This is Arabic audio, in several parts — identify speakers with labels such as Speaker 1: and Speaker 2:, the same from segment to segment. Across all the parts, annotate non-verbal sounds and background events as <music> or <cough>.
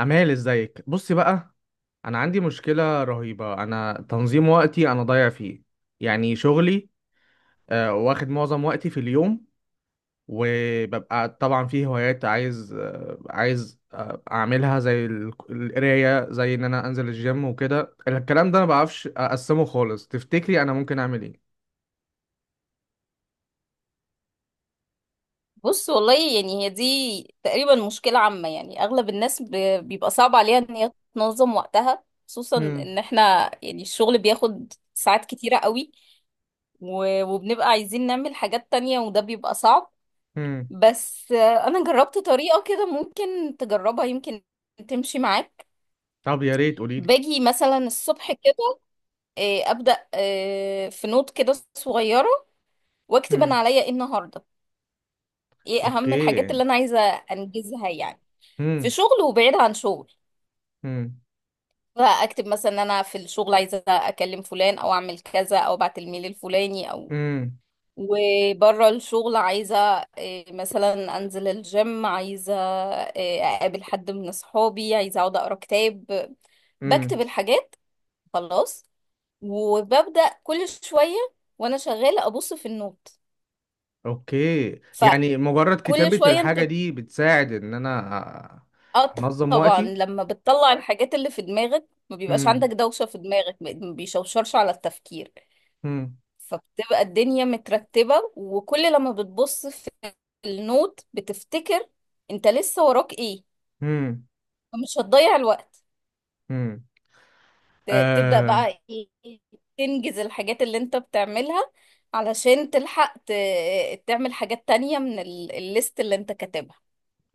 Speaker 1: أمال ازيك؟ بصي بقى، أنا عندي مشكلة رهيبة. أنا تنظيم وقتي أنا ضايع فيه. يعني شغلي واخد معظم وقتي في اليوم، وببقى طبعا فيه هوايات عايز، أعملها زي القراية، زي إن أنا أنزل الجيم وكده. الكلام ده أنا مبعرفش أقسمه خالص. تفتكري أنا ممكن أعمل إيه؟
Speaker 2: بص والله يعني هي دي تقريبا مشكلة عامة، يعني أغلب الناس بيبقى صعب عليها إن هي تنظم وقتها، خصوصا
Speaker 1: هم.
Speaker 2: إن إحنا يعني الشغل بياخد ساعات كتيرة قوي وبنبقى عايزين نعمل حاجات تانية وده بيبقى صعب.
Speaker 1: هم.
Speaker 2: بس أنا جربت طريقة كده ممكن تجربها، يمكن تمشي معاك.
Speaker 1: طب يا ريت قوليلي.
Speaker 2: باجي مثلا الصبح كده أبدأ في نوت كده صغيرة وأكتب أنا
Speaker 1: هم.
Speaker 2: عليا إيه النهاردة، إيه أهم الحاجات
Speaker 1: أوكي.
Speaker 2: اللي أنا عايزة أنجزها يعني، في
Speaker 1: هم.
Speaker 2: شغل وبعيد عن شغل.
Speaker 1: هم.
Speaker 2: اكتب مثلا ان انا في الشغل عايزه اكلم فلان او اعمل كذا او ابعت الميل الفلاني او وبره الشغل عايزه مثلا انزل الجيم، عايزه اقابل حد من اصحابي، عايزه اقعد اقرا كتاب. بكتب
Speaker 1: هم.
Speaker 2: الحاجات خلاص، وببدا كل شويه وانا شغاله ابص في النوت.
Speaker 1: اوكي، يعني مجرد
Speaker 2: فكل
Speaker 1: كتابة
Speaker 2: شويه انت
Speaker 1: الحاجة دي بتساعد ان انا
Speaker 2: اه
Speaker 1: انظم
Speaker 2: طبعا
Speaker 1: وقتي؟
Speaker 2: لما بتطلع الحاجات اللي في دماغك ما بيبقاش عندك
Speaker 1: امم
Speaker 2: دوشه في دماغك، ما بيشوشرش على التفكير.
Speaker 1: امم
Speaker 2: فبتبقى الدنيا مترتبة، وكل لما بتبص في النوت بتفتكر انت لسه وراك ايه،
Speaker 1: امم
Speaker 2: فمش هتضيع الوقت.
Speaker 1: امم
Speaker 2: تبدأ
Speaker 1: آه.
Speaker 2: بقى ايه، تنجز الحاجات اللي انت بتعملها علشان تلحق تعمل حاجات تانية من الليست اللي انت كاتبها.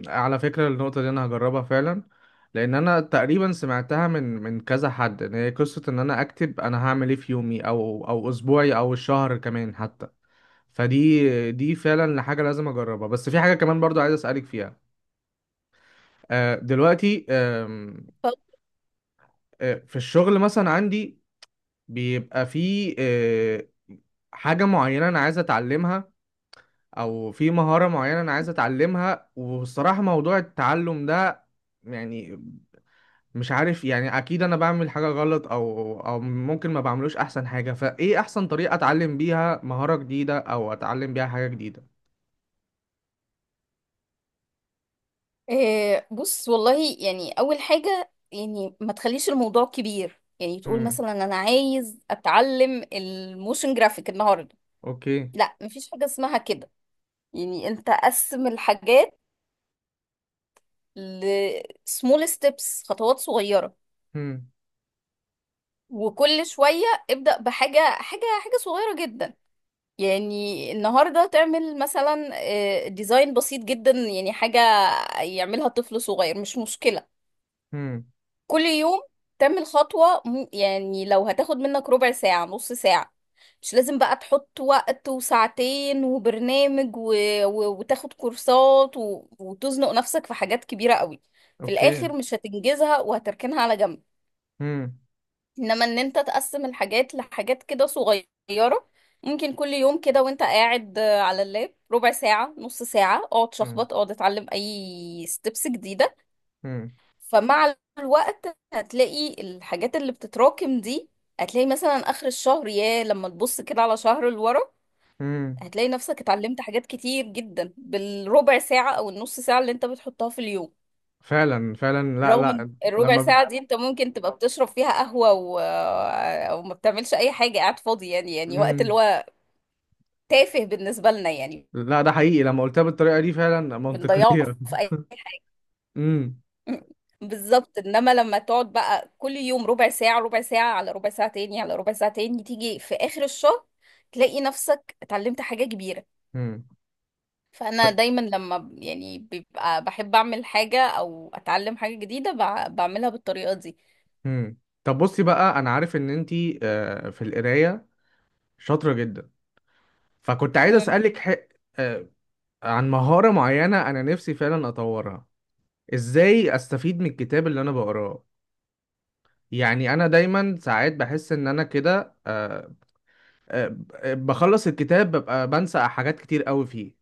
Speaker 1: على فكرة النقطة دي انا هجربها فعلا، لان انا تقريبا سمعتها من كذا حد ان هي قصة ان انا اكتب انا هعمل ايه في يومي او اسبوعي او الشهر كمان حتى. دي فعلا حاجة لازم اجربها، بس في حاجة كمان برضو عايز اسألك فيها. آه دلوقتي، آم،
Speaker 2: ف-
Speaker 1: آه، في الشغل مثلا عندي بيبقى في حاجة معينة أنا عايز أتعلمها، أو في مهارة معينة أنا عايز أتعلمها. والصراحة موضوع التعلم ده يعني مش عارف، يعني أكيد أنا بعمل حاجة غلط أو ممكن ما بعملوش أحسن حاجة. فإيه أحسن طريقة أتعلم بيها مهارة جديدة أو أتعلم بيها حاجة جديدة؟
Speaker 2: بص والله يعني اول حاجة يعني ما تخليش الموضوع كبير، يعني تقول
Speaker 1: هم.
Speaker 2: مثلا انا عايز اتعلم الموشن جرافيك النهارده.
Speaker 1: أوكي.
Speaker 2: لا، مفيش حاجة اسمها كده. يعني انت قسم الحاجات ل small steps، خطوات صغيرة،
Speaker 1: هم.
Speaker 2: وكل شوية ابدأ بحاجة حاجة حاجة صغيرة جدا. يعني النهاردة تعمل مثلا ديزاين بسيط جدا، يعني حاجة يعملها طفل صغير مش مشكلة.
Speaker 1: هم.
Speaker 2: كل يوم تعمل خطوة يعني لو هتاخد منك ربع ساعة نص ساعة. مش لازم بقى تحط وقت وساعتين وبرنامج وتاخد كورسات وتزنق نفسك في حاجات كبيرة قوي، في
Speaker 1: أوكي.
Speaker 2: الآخر مش هتنجزها وهتركنها على جنب.
Speaker 1: هم.
Speaker 2: إنما إن أنت تقسم الحاجات لحاجات كده صغيرة، ممكن كل يوم كده وانت قاعد على اللاب ربع ساعة نص ساعة، اقعد
Speaker 1: هم.
Speaker 2: شخبط اقعد اتعلم اي ستيبس جديدة.
Speaker 1: هم.
Speaker 2: فمع الوقت هتلاقي الحاجات اللي بتتراكم دي، هتلاقي مثلا آخر الشهر يا لما تبص كده على شهر لورا،
Speaker 1: هم.
Speaker 2: هتلاقي نفسك اتعلمت حاجات كتير جدا بالربع ساعة أو النص ساعة اللي انت بتحطها في اليوم.
Speaker 1: فعلا فعلا. لا
Speaker 2: رغم ان
Speaker 1: لا
Speaker 2: الربع
Speaker 1: لما بت...
Speaker 2: ساعة دي انت ممكن تبقى بتشرب فيها قهوة او ما بتعملش اي حاجة، قاعد فاضي يعني، يعني وقت اللي
Speaker 1: مم.
Speaker 2: هو تافه بالنسبة لنا يعني،
Speaker 1: لا ده حقيقي، لما قلتها بالطريقة دي فعلا
Speaker 2: بنضيعه
Speaker 1: منطقية.
Speaker 2: في
Speaker 1: <laughs> امم.
Speaker 2: بالظبط. انما لما تقعد بقى كل يوم ربع ساعة ربع ساعة على ربع ساعة تاني على ربع ساعة تاني، تيجي في آخر الشهر تلاقي نفسك اتعلمت حاجة كبيرة.
Speaker 1: امم.
Speaker 2: فأنا دايما لما يعني بيبقى بحب أعمل حاجة أو أتعلم حاجة جديدة، بعملها بالطريقة دي.
Speaker 1: امم. طب بصي بقى، انا عارف ان انتي في القراية شاطرة جدا، فكنت عايز
Speaker 2: مم.
Speaker 1: اسألك ح... آه، عن مهارة معينة انا نفسي فعلا اطورها. ازاي استفيد من الكتاب اللي انا بقراه؟ يعني انا دايما ساعات بحس ان انا كده، آه، بخلص الكتاب ببقى بنسى حاجات كتير قوي فيه.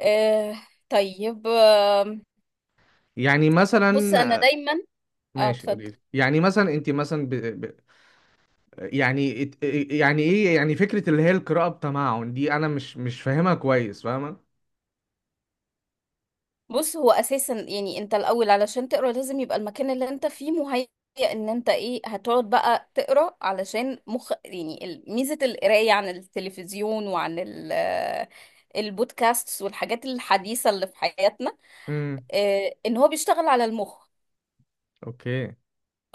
Speaker 2: آه طيب. آم،
Speaker 1: يعني
Speaker 2: بص
Speaker 1: مثلا
Speaker 2: أنا دايما. اه
Speaker 1: ماشي قولي
Speaker 2: اتفضل.
Speaker 1: لي. يعني مثلا انت مثلا، يعني ات- يعني ايه يعني فكرة اللي هي القراءة بتمعن دي؟ انا مش فاهمها كويس فاهمة.
Speaker 2: بص هو اساسا يعني انت الاول علشان تقرا لازم يبقى المكان اللي انت فيه مهيئ ان انت ايه هتقعد بقى تقرا، علشان مخ يعني ميزه القرايه عن التلفزيون وعن ال البودكاست والحاجات الحديثه اللي في حياتنا،
Speaker 1: امم.
Speaker 2: ان هو بيشتغل على المخ.
Speaker 1: اوكي.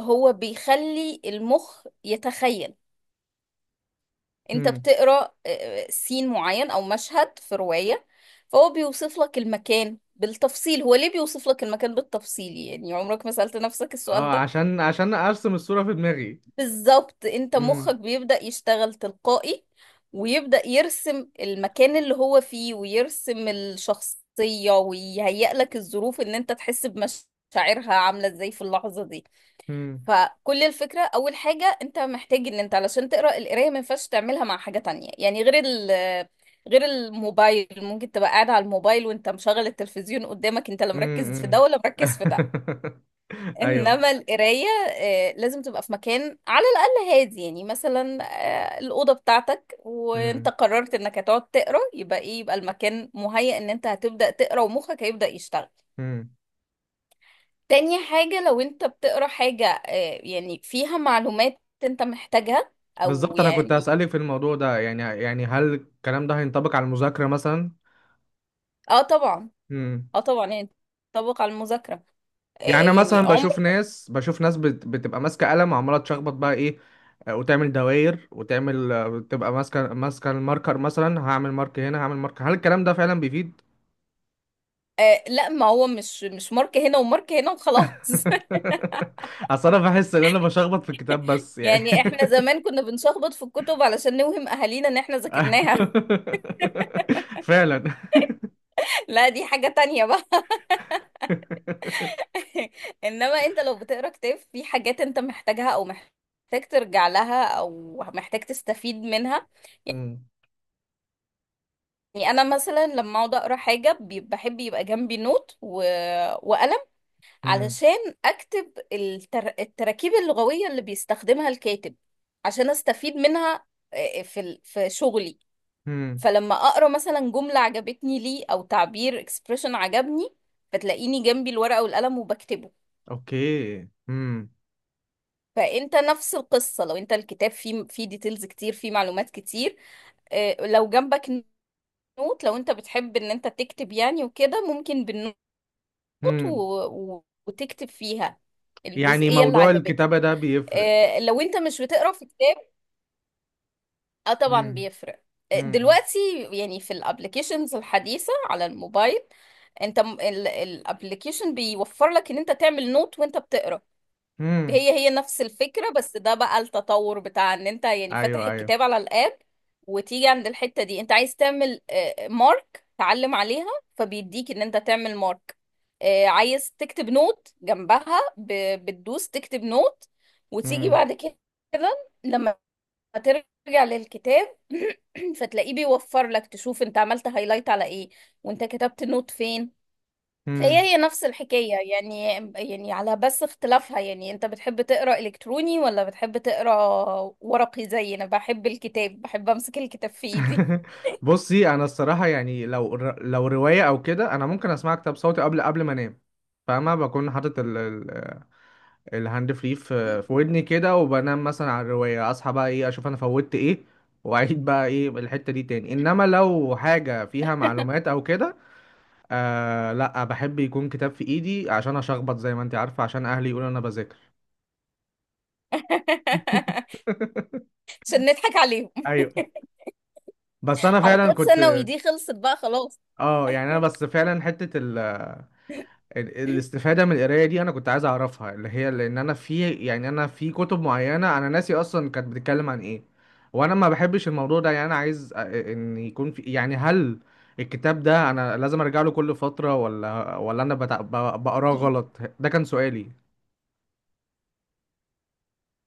Speaker 2: هو بيخلي المخ يتخيل. انت
Speaker 1: امم.
Speaker 2: بتقرا سين معين او مشهد في رواية، فهو بيوصف لك المكان بالتفصيل. هو ليه بيوصف لك المكان بالتفصيل؟ يعني عمرك ما سألت نفسك السؤال
Speaker 1: اه
Speaker 2: ده؟
Speaker 1: عشان ارسم الصورة في دماغي.
Speaker 2: بالظبط، انت
Speaker 1: امم.
Speaker 2: مخك بيبدأ يشتغل تلقائي، ويبدأ يرسم المكان اللي هو فيه ويرسم الشخصية ويهيئ لك الظروف ان انت تحس بمشاعرها عاملة ازاي في اللحظة دي.
Speaker 1: امم.
Speaker 2: فكل الفكرة، أول حاجة أنت محتاج إن أنت علشان تقرأ القراية ما ينفعش تعملها مع حاجة تانية، يعني غير ال غير الموبايل ممكن تبقى قاعد على الموبايل وأنت مشغل التلفزيون قدامك، أنت لا مركز في ده
Speaker 1: امم.
Speaker 2: ولا مركز في ده.
Speaker 1: <laughs> ايوه.
Speaker 2: إنما القراية لازم تبقى في مكان على الأقل هادي، يعني مثلا الأوضة بتاعتك وأنت
Speaker 1: امم.
Speaker 2: قررت إنك هتقعد تقرأ، يبقى إيه؟ يبقى المكان مهيأ إن أنت هتبدأ تقرأ ومخك هيبدأ يشتغل.
Speaker 1: امم.
Speaker 2: تاني حاجة، لو انت بتقرا حاجة يعني فيها معلومات انت محتاجها او
Speaker 1: بالظبط انا كنت
Speaker 2: يعني
Speaker 1: هسألك في الموضوع ده. يعني يعني هل الكلام ده هينطبق على المذاكرة مثلا؟
Speaker 2: اه طبعا، اه طبعا يعني تطبق على المذاكرة.
Speaker 1: يعني انا
Speaker 2: يعني
Speaker 1: مثلا
Speaker 2: عمر
Speaker 1: بشوف ناس، بتبقى ماسكه قلم وعماله تشخبط بقى ايه، وتعمل دواير وتعمل تبقى ماسكه الماركر. مثلا هعمل مارك هنا هعمل مارك، هل الكلام ده فعلا بيفيد؟
Speaker 2: لا، ما هو مش مارك هنا ومارك هنا وخلاص. <laughs>
Speaker 1: <laughs> اصل انا بحس ان انا بشخبط في الكتاب بس يعني.
Speaker 2: يعني احنا زمان كنا بنشخبط في الكتب علشان نوهم اهالينا ان احنا ذاكرناها.
Speaker 1: <laughs> فعلا.
Speaker 2: <laughs> لا دي حاجة تانية بقى. <laughs> انما انت لو بتقرا كتاب في حاجات انت محتاجها او محتاج ترجع لها او محتاج تستفيد منها،
Speaker 1: مم.
Speaker 2: يعني انا مثلا لما اقعد اقرا حاجه بحب يبقى جنبي نوت وقلم،
Speaker 1: مم.
Speaker 2: علشان اكتب التراكيب اللغويه اللي بيستخدمها الكاتب، عشان استفيد منها في في شغلي.
Speaker 1: مم.
Speaker 2: فلما اقرا مثلا جمله عجبتني ليه او تعبير اكسبريشن عجبني، فتلاقيني جنبي الورقه والقلم وبكتبه.
Speaker 1: اوكي. مم.
Speaker 2: فانت نفس القصه، لو انت الكتاب فيه ديتيلز كتير فيه معلومات كتير، لو جنبك نوت، لو انت بتحب ان انت تكتب يعني وكده، ممكن بالنوت وت- و...
Speaker 1: مم.
Speaker 2: وتكتب فيها
Speaker 1: يعني
Speaker 2: الجزئية اللي
Speaker 1: موضوع الكتابة
Speaker 2: عجبتك
Speaker 1: ده بيفرق؟
Speaker 2: لو انت مش بتقرا في كتاب. اه طبعا
Speaker 1: مم.
Speaker 2: بيفرق.
Speaker 1: مم.
Speaker 2: دلوقتي يعني في الابليكيشنز الحديثة على الموبايل، انت الابليكيشن بيوفر لك ان انت تعمل نوت وانت بتقرا.
Speaker 1: مم.
Speaker 2: هي هي نفس الفكرة، بس ده بقى التطور بتاع ان انت يعني فاتح
Speaker 1: ايوه ايوه.
Speaker 2: الكتاب على الاب وتيجي عند الحتة دي انت عايز تعمل مارك، تعلم عليها، فبيديك ان انت تعمل مارك. عايز تكتب نوت جنبها، بتدوس تكتب نوت، وتيجي
Speaker 1: مم.
Speaker 2: بعد كده لما ترجع للكتاب <clears throat> فتلاقيه بيوفر لك تشوف انت عملت هايلايت على ايه وانت كتبت نوت فين. هي
Speaker 1: مم.
Speaker 2: هي نفس الحكاية يعني، يعني على بس اختلافها، يعني انت بتحب تقرا الكتروني ولا بتحب تقرا ورقي. زي انا بحب الكتاب، بحب امسك الكتاب في ايدي.
Speaker 1: <laughs> بصي انا الصراحه، يعني لو لو روايه او كده انا ممكن اسمع كتاب صوتي قبل ما انام. فاهمه بكون حاطط الهاند فري في ودني كده وبنام مثلا على الروايه. اصحى بقى ايه اشوف انا فوتت ايه، واعيد بقى ايه الحته دي تاني. انما لو حاجه فيها معلومات او كده، آه لا بحب يكون كتاب في ايدي عشان اشخبط زي ما انت عارفه، عشان اهلي يقولوا انا بذاكر.
Speaker 2: <laughs>
Speaker 1: <laughs>
Speaker 2: عشان نضحك عليهم.
Speaker 1: ايوه. بس
Speaker 2: <laughs>
Speaker 1: انا فعلا
Speaker 2: حركات
Speaker 1: كنت،
Speaker 2: ثانوي دي خلصت بقى خلاص.
Speaker 1: اه يعني انا
Speaker 2: <laughs>
Speaker 1: بس فعلا حته الاستفادة من القراية دي أنا كنت عايز أعرفها، اللي هي لأن أنا في يعني أنا في كتب معينة أنا ناسي أصلا كانت بتتكلم عن إيه. وأنا ما بحبش الموضوع ده، يعني أنا عايز إن يكون في يعني هل الكتاب ده أنا لازم أرجع له كل فترة ولا أنا بقراه غلط؟ ده كان سؤالي.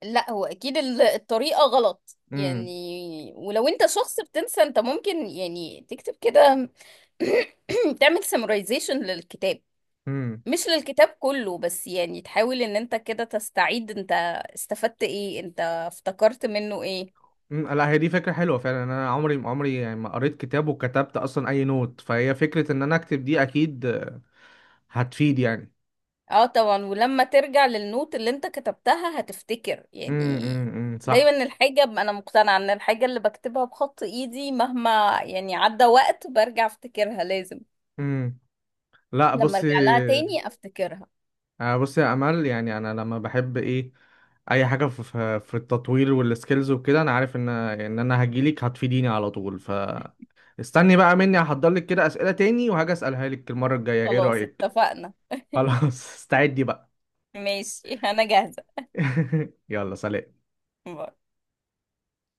Speaker 2: لا هو اكيد الطريقة غلط
Speaker 1: امم.
Speaker 2: يعني، ولو انت شخص بتنسى انت ممكن يعني تكتب كده <clears throat> تعمل سمرايزيشن للكتاب.
Speaker 1: امم.
Speaker 2: مش للكتاب كله، بس يعني تحاول ان انت كده تستعيد انت استفدت ايه، انت افتكرت منه ايه.
Speaker 1: أمم، لا هي دي فكرة حلوة فعلا. أنا عمري يعني ما قريت كتاب وكتبت أصلا أي نوت، فهي فكرة إن أنا أكتب دي أكيد هتفيد يعني.
Speaker 2: اه طبعا، ولما ترجع للنوت اللي انت كتبتها هتفتكر
Speaker 1: امم.
Speaker 2: يعني.
Speaker 1: امم. أمم،
Speaker 2: دايما
Speaker 1: صح.
Speaker 2: الحاجة، انا مقتنعة ان الحاجة اللي بكتبها بخط ايدي مهما يعني عدى وقت برجع افتكرها، لازم
Speaker 1: امم. لا
Speaker 2: لما
Speaker 1: بصي،
Speaker 2: ارجع لها تاني افتكرها.
Speaker 1: بصي يا امل، يعني انا لما بحب ايه اي حاجه في التطوير والسكيلز وكده، انا عارف ان ان انا هجيلك هتفيديني على طول. ف استني بقى مني هحضر لك كده اسئله تاني وهاجي اسالها لك المره الجايه، ايه
Speaker 2: خلاص
Speaker 1: رايك؟
Speaker 2: اتفقنا.
Speaker 1: خلاص. <laughs> استعدي بقى.
Speaker 2: ماشي <laughs> انا جاهزة.
Speaker 1: <laughs> يلا سلام.
Speaker 2: باي.